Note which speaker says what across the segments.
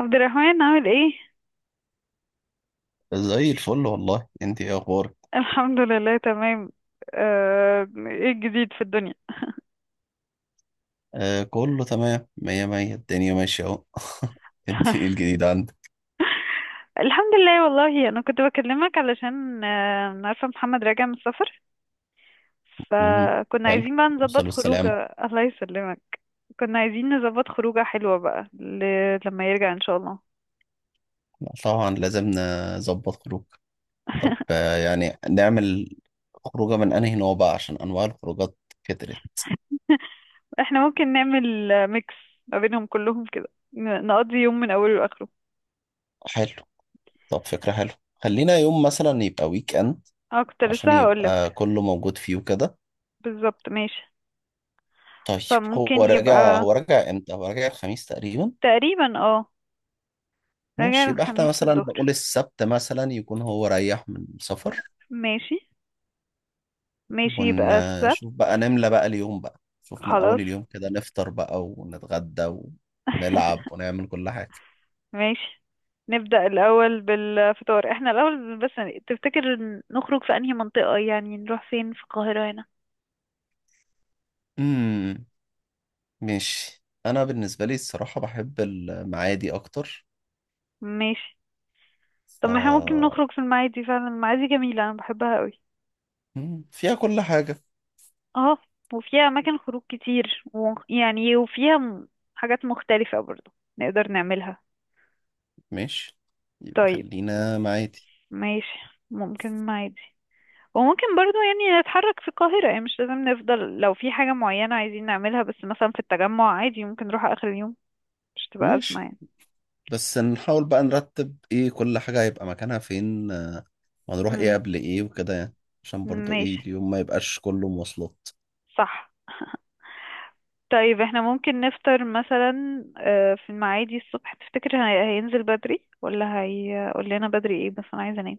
Speaker 1: عبد الرحمن عامل ايه؟
Speaker 2: زي الفل والله. انت ايه اخبارك؟
Speaker 1: الحمد لله تمام. ايه الجديد في الدنيا؟
Speaker 2: آه كله تمام، مية مية، الدنيا ماشية اهو. انت ايه الجديد عندك؟
Speaker 1: الحمد لله، والله انا كنت بكلمك علشان أنا عارفة محمد راجع من السفر،
Speaker 2: مم،
Speaker 1: فكنا
Speaker 2: حلو.
Speaker 1: عايزين بقى نظبط
Speaker 2: وصلوا السلام.
Speaker 1: خروجه. الله يسلمك. كنا عايزين نظبط خروجه حلوة بقى لما يرجع ان شاء الله.
Speaker 2: طبعا لازم نظبط خروج. طب آه يعني نعمل خروجة من انهي نوع بقى، عشان انواع الخروجات كترت.
Speaker 1: احنا ممكن نعمل ميكس ما بينهم كلهم كده، نقضي يوم من اوله لاخره.
Speaker 2: حلو، طب فكرة حلوة. خلينا يوم مثلا يبقى ويك اند،
Speaker 1: اه، كنت
Speaker 2: عشان
Speaker 1: لسه هقولك.
Speaker 2: يبقى كله موجود فيه وكده.
Speaker 1: بالظبط، ماشي.
Speaker 2: طيب، هو
Speaker 1: فممكن
Speaker 2: راجع،
Speaker 1: يبقى.
Speaker 2: هو راجع امتى؟ هو راجع الخميس تقريبا.
Speaker 1: تقريبا، اه. راجع
Speaker 2: ماشي، يبقى احنا
Speaker 1: الخميس
Speaker 2: مثلا نقول
Speaker 1: الظهر.
Speaker 2: السبت مثلا، يكون هو ريح من السفر.
Speaker 1: ماشي، ماشي يبقى السبت.
Speaker 2: ونشوف بقى نملى بقى اليوم بقى، شوف من
Speaker 1: خلاص.
Speaker 2: أول اليوم كده، نفطر بقى ونتغدى ونلعب ونعمل كل حاجة.
Speaker 1: ماشي. نبدأ الأول بالفطار، احنا الأول بس، تفتكر نخرج في أنهي منطقة؟ يعني نروح فين في القاهرة هنا؟
Speaker 2: امم ماشي. أنا بالنسبة لي الصراحة بحب المعادي أكتر.
Speaker 1: ماشي.
Speaker 2: ف
Speaker 1: طب ما احنا ممكن نخرج في المعادي، فعلا المعادي جميلة، أنا بحبها قوي.
Speaker 2: مم، فيها كل حاجة.
Speaker 1: اه، وفيها أماكن خروج كتير يعني وفيها حاجات مختلفة برضو، نقدر نعملها.
Speaker 2: ماشي، يبقى
Speaker 1: طيب،
Speaker 2: خلينا معادي.
Speaker 1: ماشي، ممكن المعادي. وممكن برضو يعني نتحرك في القاهرة، يعني مش لازم نفضل، لو في حاجة معينة عايزين نعملها، بس مثلا في التجمع عادي ممكن نروح آخر اليوم، مش تبقى أزمة
Speaker 2: ماشي،
Speaker 1: يعني.
Speaker 2: بس نحاول بقى نرتب ايه كل حاجة هيبقى مكانها فين، وهنروح ايه
Speaker 1: امم
Speaker 2: قبل ايه وكده يعني، عشان برضو ايه
Speaker 1: ماشي،
Speaker 2: اليوم ما يبقاش كله مواصلات.
Speaker 1: صح، طيب. احنا ممكن نفطر مثلا في المعادي الصبح، تفتكر هينزل بدري ولا هيقول لنا بدري؟ ايه بس انا عايزة انام.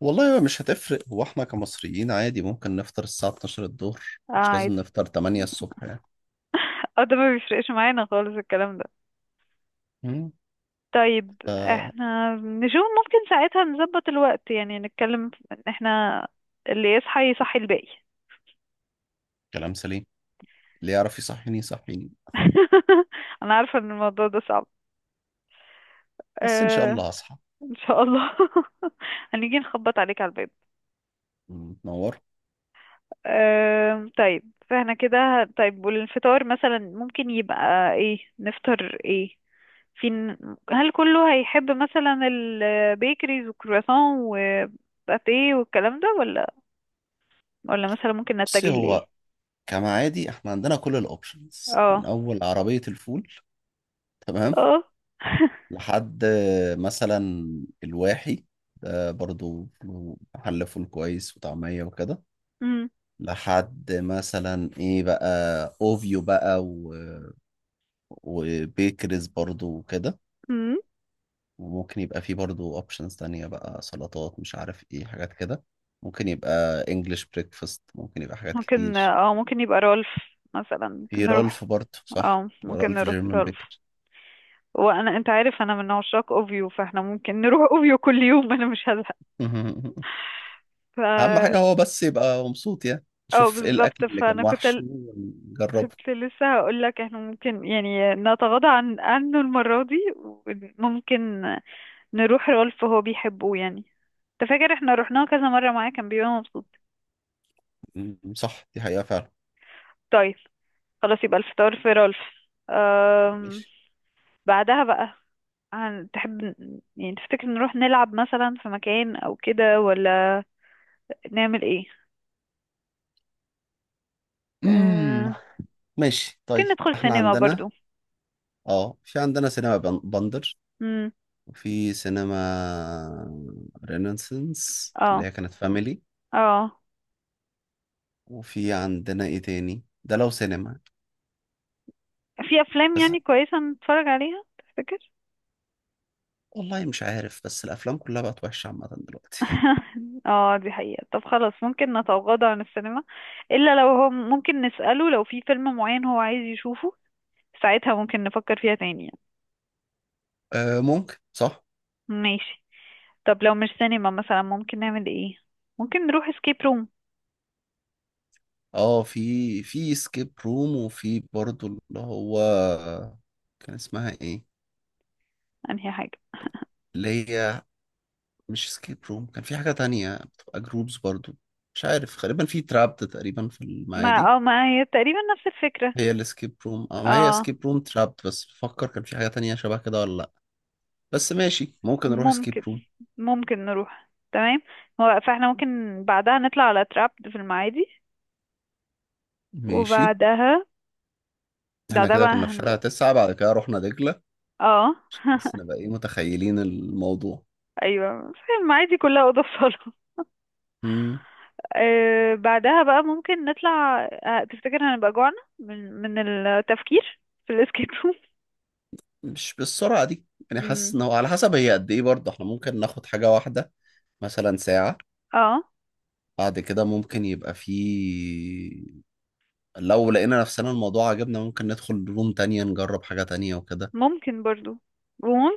Speaker 2: والله هو مش هتفرق، هو احنا كمصريين عادي ممكن نفطر الساعة 12 الظهر،
Speaker 1: اه،
Speaker 2: مش لازم
Speaker 1: عادي.
Speaker 2: نفطر 8 الصبح يعني.
Speaker 1: اه، ده ما بيفرقش معانا خالص الكلام ده.
Speaker 2: مم.
Speaker 1: طيب،
Speaker 2: آه،
Speaker 1: احنا نشوف ممكن ساعتها نظبط الوقت، يعني نتكلم ان احنا اللي يصحى يصحي الباقي.
Speaker 2: كلام سليم، اللي يعرف يصحيني يصحيني،
Speaker 1: انا عارفه ان الموضوع ده صعب،
Speaker 2: بس ان شاء
Speaker 1: أه.
Speaker 2: الله هصحى.
Speaker 1: ان شاء الله. هنيجي نخبط عليك على الباب.
Speaker 2: مم. تنور.
Speaker 1: أه، طيب. فاحنا كده طيب، والفطار مثلا ممكن يبقى ايه، نفطر ايه في؟ هل كله هيحب مثلا البيكريز والكرواسون وباتيه والكلام ده، ولا مثلا ممكن
Speaker 2: بصي
Speaker 1: نتجه لايه؟
Speaker 2: هو كما عادي احنا عندنا كل الاوبشنز، من
Speaker 1: اه،
Speaker 2: اول عربية الفول تمام،
Speaker 1: اه.
Speaker 2: لحد مثلا الواحي، ده برضو له محل فول كويس وطعمية وكده،
Speaker 1: مم.
Speaker 2: لحد مثلا ايه بقى اوفيو بقى وبيكرز برضو وكده.
Speaker 1: مم.
Speaker 2: وممكن يبقى فيه برضو اوبشنز تانية بقى، سلطات مش عارف ايه حاجات كده. ممكن يبقى انجلش بريكفاست، ممكن يبقى حاجات
Speaker 1: ممكن
Speaker 2: كتير.
Speaker 1: اه ممكن يبقى رولف، مثلا، ممكن
Speaker 2: في
Speaker 1: نروح.
Speaker 2: رالف برضو صح،
Speaker 1: اه، ممكن
Speaker 2: رالف
Speaker 1: نروح
Speaker 2: جيرمان
Speaker 1: رولف.
Speaker 2: بيكر.
Speaker 1: وانا، انت عارف، انا من عشاق اوفيو، فاحنا ممكن نروح اوفيو كل يوم، انا مش هزهق. ف
Speaker 2: اهم حاجة هو بس يبقى مبسوط يعني،
Speaker 1: اه،
Speaker 2: شوف ايه
Speaker 1: بالظبط،
Speaker 2: الاكل اللي كان
Speaker 1: فانا كنت
Speaker 2: وحش وجربه.
Speaker 1: كنت لسه هقول لك احنا ممكن يعني نتغاضى عنه المرة دي، وممكن نروح رالف، هو بيحبه يعني. انت فاكر احنا رحناه كذا مرة معاه، كان بيبقى مبسوط.
Speaker 2: صح دي حقيقة فعلا.
Speaker 1: طيب، خلاص، يبقى الفطار في رالف. أم...
Speaker 2: ماشي.
Speaker 1: بعدها بقى، تحب يعني تفتكر نروح نلعب مثلا في مكان او كده، ولا نعمل ايه؟
Speaker 2: امم
Speaker 1: آه،
Speaker 2: ماشي
Speaker 1: ممكن
Speaker 2: طيب.
Speaker 1: ندخل
Speaker 2: احنا
Speaker 1: سينما
Speaker 2: عندنا
Speaker 1: برضو.
Speaker 2: اه في عندنا سينما بندر،
Speaker 1: امم
Speaker 2: وفي سينما رينيسانس اللي هي
Speaker 1: اه،
Speaker 2: كانت فاميلي،
Speaker 1: اه،
Speaker 2: وفي عندنا ايه تاني ده لو سينما.
Speaker 1: في افلام
Speaker 2: بس
Speaker 1: يعني كويسة نتفرج عليها، تفتكر؟
Speaker 2: والله مش عارف، بس الافلام كلها بقت وحشة عامة دلوقتي.
Speaker 1: اه، دي حقيقة. طب خلاص ممكن نتغاضى عن السينما، الا لو هو ممكن نسأله لو في فيلم معين هو عايز يشوفه، ساعتها ممكن نفكر فيها تاني يعني.
Speaker 2: آه ممكن صح.
Speaker 1: ماشي. طب لو مش سينما، مثلا ممكن نعمل ايه؟ ممكن نروح اسكيب روم،
Speaker 2: اه في سكيب روم، وفي برضو اللي هو كان اسمها ايه،
Speaker 1: انهي حاجة؟
Speaker 2: اللي هي مش سكيب روم، كان في حاجة تانية بتبقى جروبز برضو، مش عارف، غالبا في ترابت تقريبا في المعادي.
Speaker 1: ما هي تقريبا نفس الفكرة.
Speaker 2: هي الاسكيب روم، اه ما هي
Speaker 1: اه،
Speaker 2: اسكيب روم ترابت، بس بفكر كان في حاجة تانية شبه كده ولا لأ. بس ماشي ممكن نروح اسكيب
Speaker 1: ممكن
Speaker 2: روم.
Speaker 1: ممكن نروح تمام. هو فاحنا ممكن بعدها نطلع على تراب في المعادي،
Speaker 2: ماشي،
Speaker 1: وبعدها
Speaker 2: احنا
Speaker 1: بعدها
Speaker 2: كده
Speaker 1: بقى
Speaker 2: كنا في شارع
Speaker 1: هنبقى،
Speaker 2: تسعة، بعد كده رحنا دجلة،
Speaker 1: اه.
Speaker 2: عشان بس نبقى ايه متخيلين الموضوع.
Speaker 1: ايوه، في المعادي كلها اوضه وصاله.
Speaker 2: مم.
Speaker 1: بعدها بقى ممكن نطلع، تفتكر هنبقى جوعنا من التفكير في الاسكيب روم؟
Speaker 2: مش بالسرعة دي، يعني حاسس
Speaker 1: مم.
Speaker 2: ان هو على حسب هي قد ايه برضه. احنا ممكن ناخد حاجة واحدة مثلا ساعة،
Speaker 1: اه،
Speaker 2: بعد كده ممكن يبقى في، لو لقينا نفسنا الموضوع عجبنا ممكن ندخل روم تانية نجرب حاجة تانية وكده.
Speaker 1: ممكن برضو،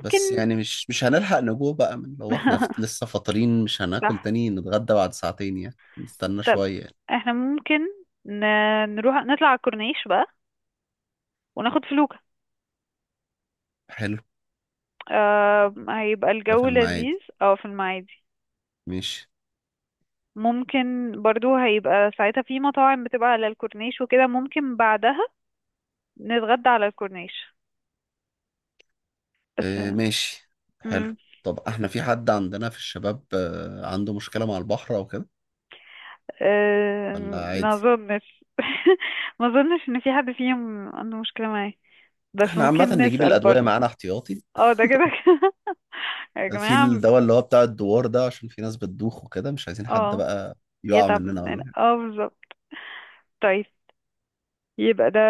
Speaker 2: بس يعني مش هنلحق نجوع بقى، من لو احنا لسه فاطرين، مش هناكل
Speaker 1: صح.
Speaker 2: تاني، نتغدى بعد ساعتين يعني، نستنى
Speaker 1: طب
Speaker 2: شوية يعني.
Speaker 1: احنا ممكن نروح نطلع على الكورنيش بقى وناخد فلوكة.
Speaker 2: حلو.
Speaker 1: هيبقى
Speaker 2: ده في
Speaker 1: الجو لذيذ،
Speaker 2: المعادي.
Speaker 1: اه، في المعادي.
Speaker 2: ماشي.
Speaker 1: ممكن برضو هيبقى ساعتها في مطاعم بتبقى على الكورنيش وكده، ممكن بعدها نتغدى على الكورنيش بس.
Speaker 2: اه ماشي، حلو.
Speaker 1: مم.
Speaker 2: طب احنا في حد عندنا في الشباب، عنده مشكلة مع البحر او كده،
Speaker 1: آه،
Speaker 2: ولا
Speaker 1: ما
Speaker 2: عادي؟
Speaker 1: اظنش. ما اظنش ان في حد فيهم عنده مشكلة معايا، بس
Speaker 2: احنا عامة
Speaker 1: ممكن
Speaker 2: نجيب
Speaker 1: نسأل
Speaker 2: الأدوية
Speaker 1: برضو.
Speaker 2: معانا احتياطي،
Speaker 1: اه، ده كده كده. يا
Speaker 2: في
Speaker 1: جماعة.
Speaker 2: الدواء اللي هو بتاع الدوار ده، عشان في ناس بتدوخ وكده، مش عايزين حد
Speaker 1: اه،
Speaker 2: بقى يقع
Speaker 1: يتعب
Speaker 2: مننا
Speaker 1: مننا،
Speaker 2: ولا.
Speaker 1: اه، بالظبط. طيب، يبقى ده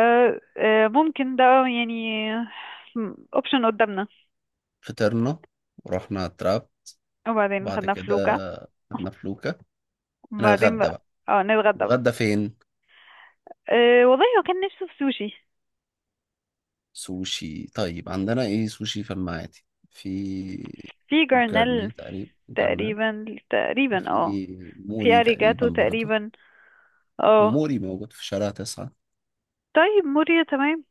Speaker 1: ممكن، ده يعني اوبشن قدامنا.
Speaker 2: فطرنا ورحنا على التراب،
Speaker 1: وبعدين
Speaker 2: وبعد
Speaker 1: خدنا
Speaker 2: كده
Speaker 1: فلوكة.
Speaker 2: خدنا فلوكة،
Speaker 1: وبعدين
Speaker 2: هنتغدى
Speaker 1: بقى،
Speaker 2: بقى.
Speaker 1: اه، نتغدى بقى.
Speaker 2: نتغدى فين؟
Speaker 1: أه، والله هو كان نفسه في سوشي.
Speaker 2: سوشي. طيب عندنا ايه سوشي في المعادي؟ في
Speaker 1: في
Speaker 2: جرني
Speaker 1: جرنال،
Speaker 2: تقريبا، جرنال
Speaker 1: تقريبا. تقريبا، اه.
Speaker 2: وفي
Speaker 1: في
Speaker 2: موري تقريبا
Speaker 1: اريجاتو،
Speaker 2: برضه.
Speaker 1: تقريبا، اه.
Speaker 2: وموري موجود في شارع تسعة.
Speaker 1: طيب، موريا، تمام.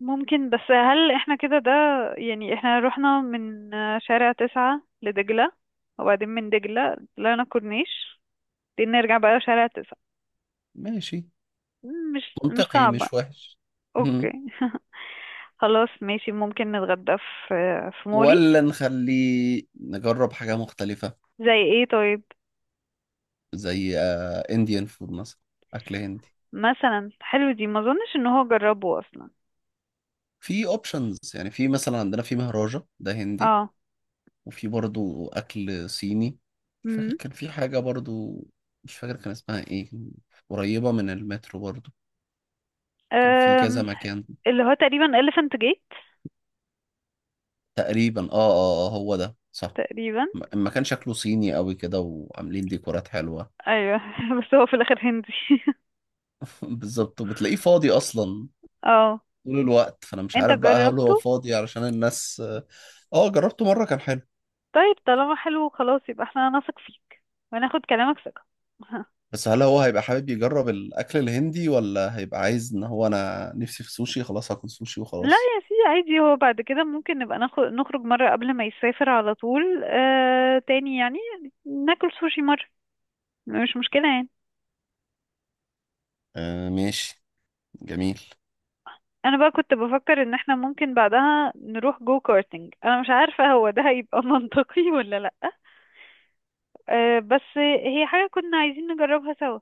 Speaker 1: ممكن، بس هل احنا كده ده؟ يعني احنا رحنا من شارع تسعة لدجلة، وبعدين من دجلة طلعنا كورنيش، بعدين نرجع بقى شارع تسعة،
Speaker 2: ماشي
Speaker 1: مش
Speaker 2: منطقي
Speaker 1: صعبة.
Speaker 2: مش وحش.
Speaker 1: اوكي.
Speaker 2: مم.
Speaker 1: خلاص، ماشي، ممكن نتغدى في في مولي.
Speaker 2: ولا نخليه نجرب حاجة مختلفة،
Speaker 1: زي ايه، طيب؟
Speaker 2: زي انديان فود مثلا، أكل هندي.
Speaker 1: مثلا حلو، دي ما اظنش ان هو جربه اصلا.
Speaker 2: في اوبشنز يعني، في مثلا عندنا في مهراجة ده هندي،
Speaker 1: اه،
Speaker 2: وفي برضو أكل صيني. مش فاكر
Speaker 1: امم
Speaker 2: كان في حاجة برضو، مش فاكر كان اسمها ايه، قريبة من المترو برضو، كان في كذا
Speaker 1: أم،
Speaker 2: مكان.
Speaker 1: اللي هو تقريبا elephant gate،
Speaker 2: تقريبا اه اه اه هو ده صح.
Speaker 1: تقريبا.
Speaker 2: المكان شكله صيني قوي كده، وعاملين ديكورات حلوة.
Speaker 1: ايوه بس هو في الاخر هندي.
Speaker 2: بالظبط، وبتلاقيه فاضي أصلا
Speaker 1: اه،
Speaker 2: طول الوقت، فأنا مش
Speaker 1: انت
Speaker 2: عارف بقى هل هو
Speaker 1: جربته؟
Speaker 2: فاضي علشان الناس. اه جربته مرة كان حلو.
Speaker 1: طيب، طالما حلو، خلاص يبقى احنا نثق فيك وناخد كلامك ثقة.
Speaker 2: بس هل هو هيبقى حابب يجرب الأكل الهندي، ولا هيبقى عايز إن هو أنا نفسي في سوشي خلاص هاكل سوشي
Speaker 1: لا
Speaker 2: وخلاص؟
Speaker 1: يا سيدي، عادي، هو بعد كده ممكن نبقى ناخد، نخرج مرة قبل ما يسافر على طول تاني يعني، ناكل سوشي مرة، مش مشكلة يعني.
Speaker 2: آه ماشي، جميل.
Speaker 1: انا بقى كنت بفكر ان احنا ممكن بعدها نروح جو كارتينج، انا مش عارفة هو ده هيبقى منطقي ولا لا. أه، بس هي حاجة كنا عايزين نجربها سوا.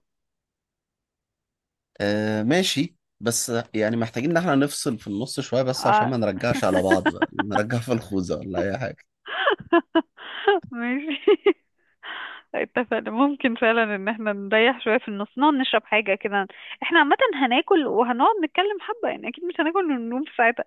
Speaker 2: آه ماشي، بس يعني محتاجين ان احنا نفصل في النص شوية، بس عشان
Speaker 1: آه.
Speaker 2: ما نرجعش على بعض بقى، نرجع في الخوذة ولا اي حاجة.
Speaker 1: ماشي، اتفقنا. ممكن فعلا ان احنا نريح شوية في النص، نقعد نشرب حاجة كده، احنا عامة هناكل وهنقعد نتكلم حبة يعني، اكيد مش هناكل وننوم في ساعتها.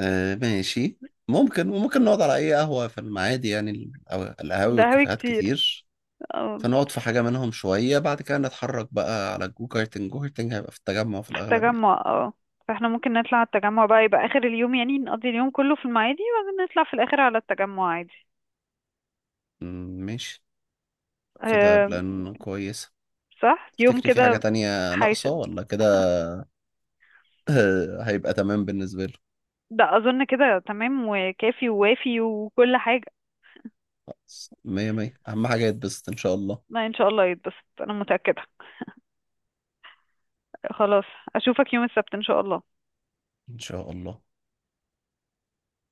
Speaker 2: آه ماشي ممكن. وممكن نقعد على اي قهوة في المعادي يعني، أو القهاوي
Speaker 1: ده هوي
Speaker 2: والكافيهات
Speaker 1: كتير.
Speaker 2: كتير.
Speaker 1: آه.
Speaker 2: فنقعد في حاجة منهم شوية، بعد كده نتحرك بقى على الجو كارتنج. جو كارتنج هيبقى في التجمع في
Speaker 1: في
Speaker 2: الأغلب يعني.
Speaker 1: التجمع، اه. فاحنا ممكن نطلع على التجمع بقى، يبقى اخر اليوم يعني، نقضي اليوم كله في المعادي وبعدين نطلع في الاخر على التجمع عادي.
Speaker 2: مم، ماشي. كده
Speaker 1: أه،
Speaker 2: بلان كويس.
Speaker 1: صح، يوم
Speaker 2: تفتكري في حاجة
Speaker 1: كده.
Speaker 2: تانية ناقصة
Speaker 1: حيشد.
Speaker 2: ولا كده؟ هيبقى تمام بالنسبة له.
Speaker 1: ده اظن كده تمام وكافي ووافي وكل حاجة.
Speaker 2: خلاص مية مية، أهم حاجة يتبسط إن شاء الله.
Speaker 1: ما ان شاء الله يتبسط، انا متأكدة. خلاص، اشوفك يوم السبت ان شاء الله.
Speaker 2: إن شاء الله.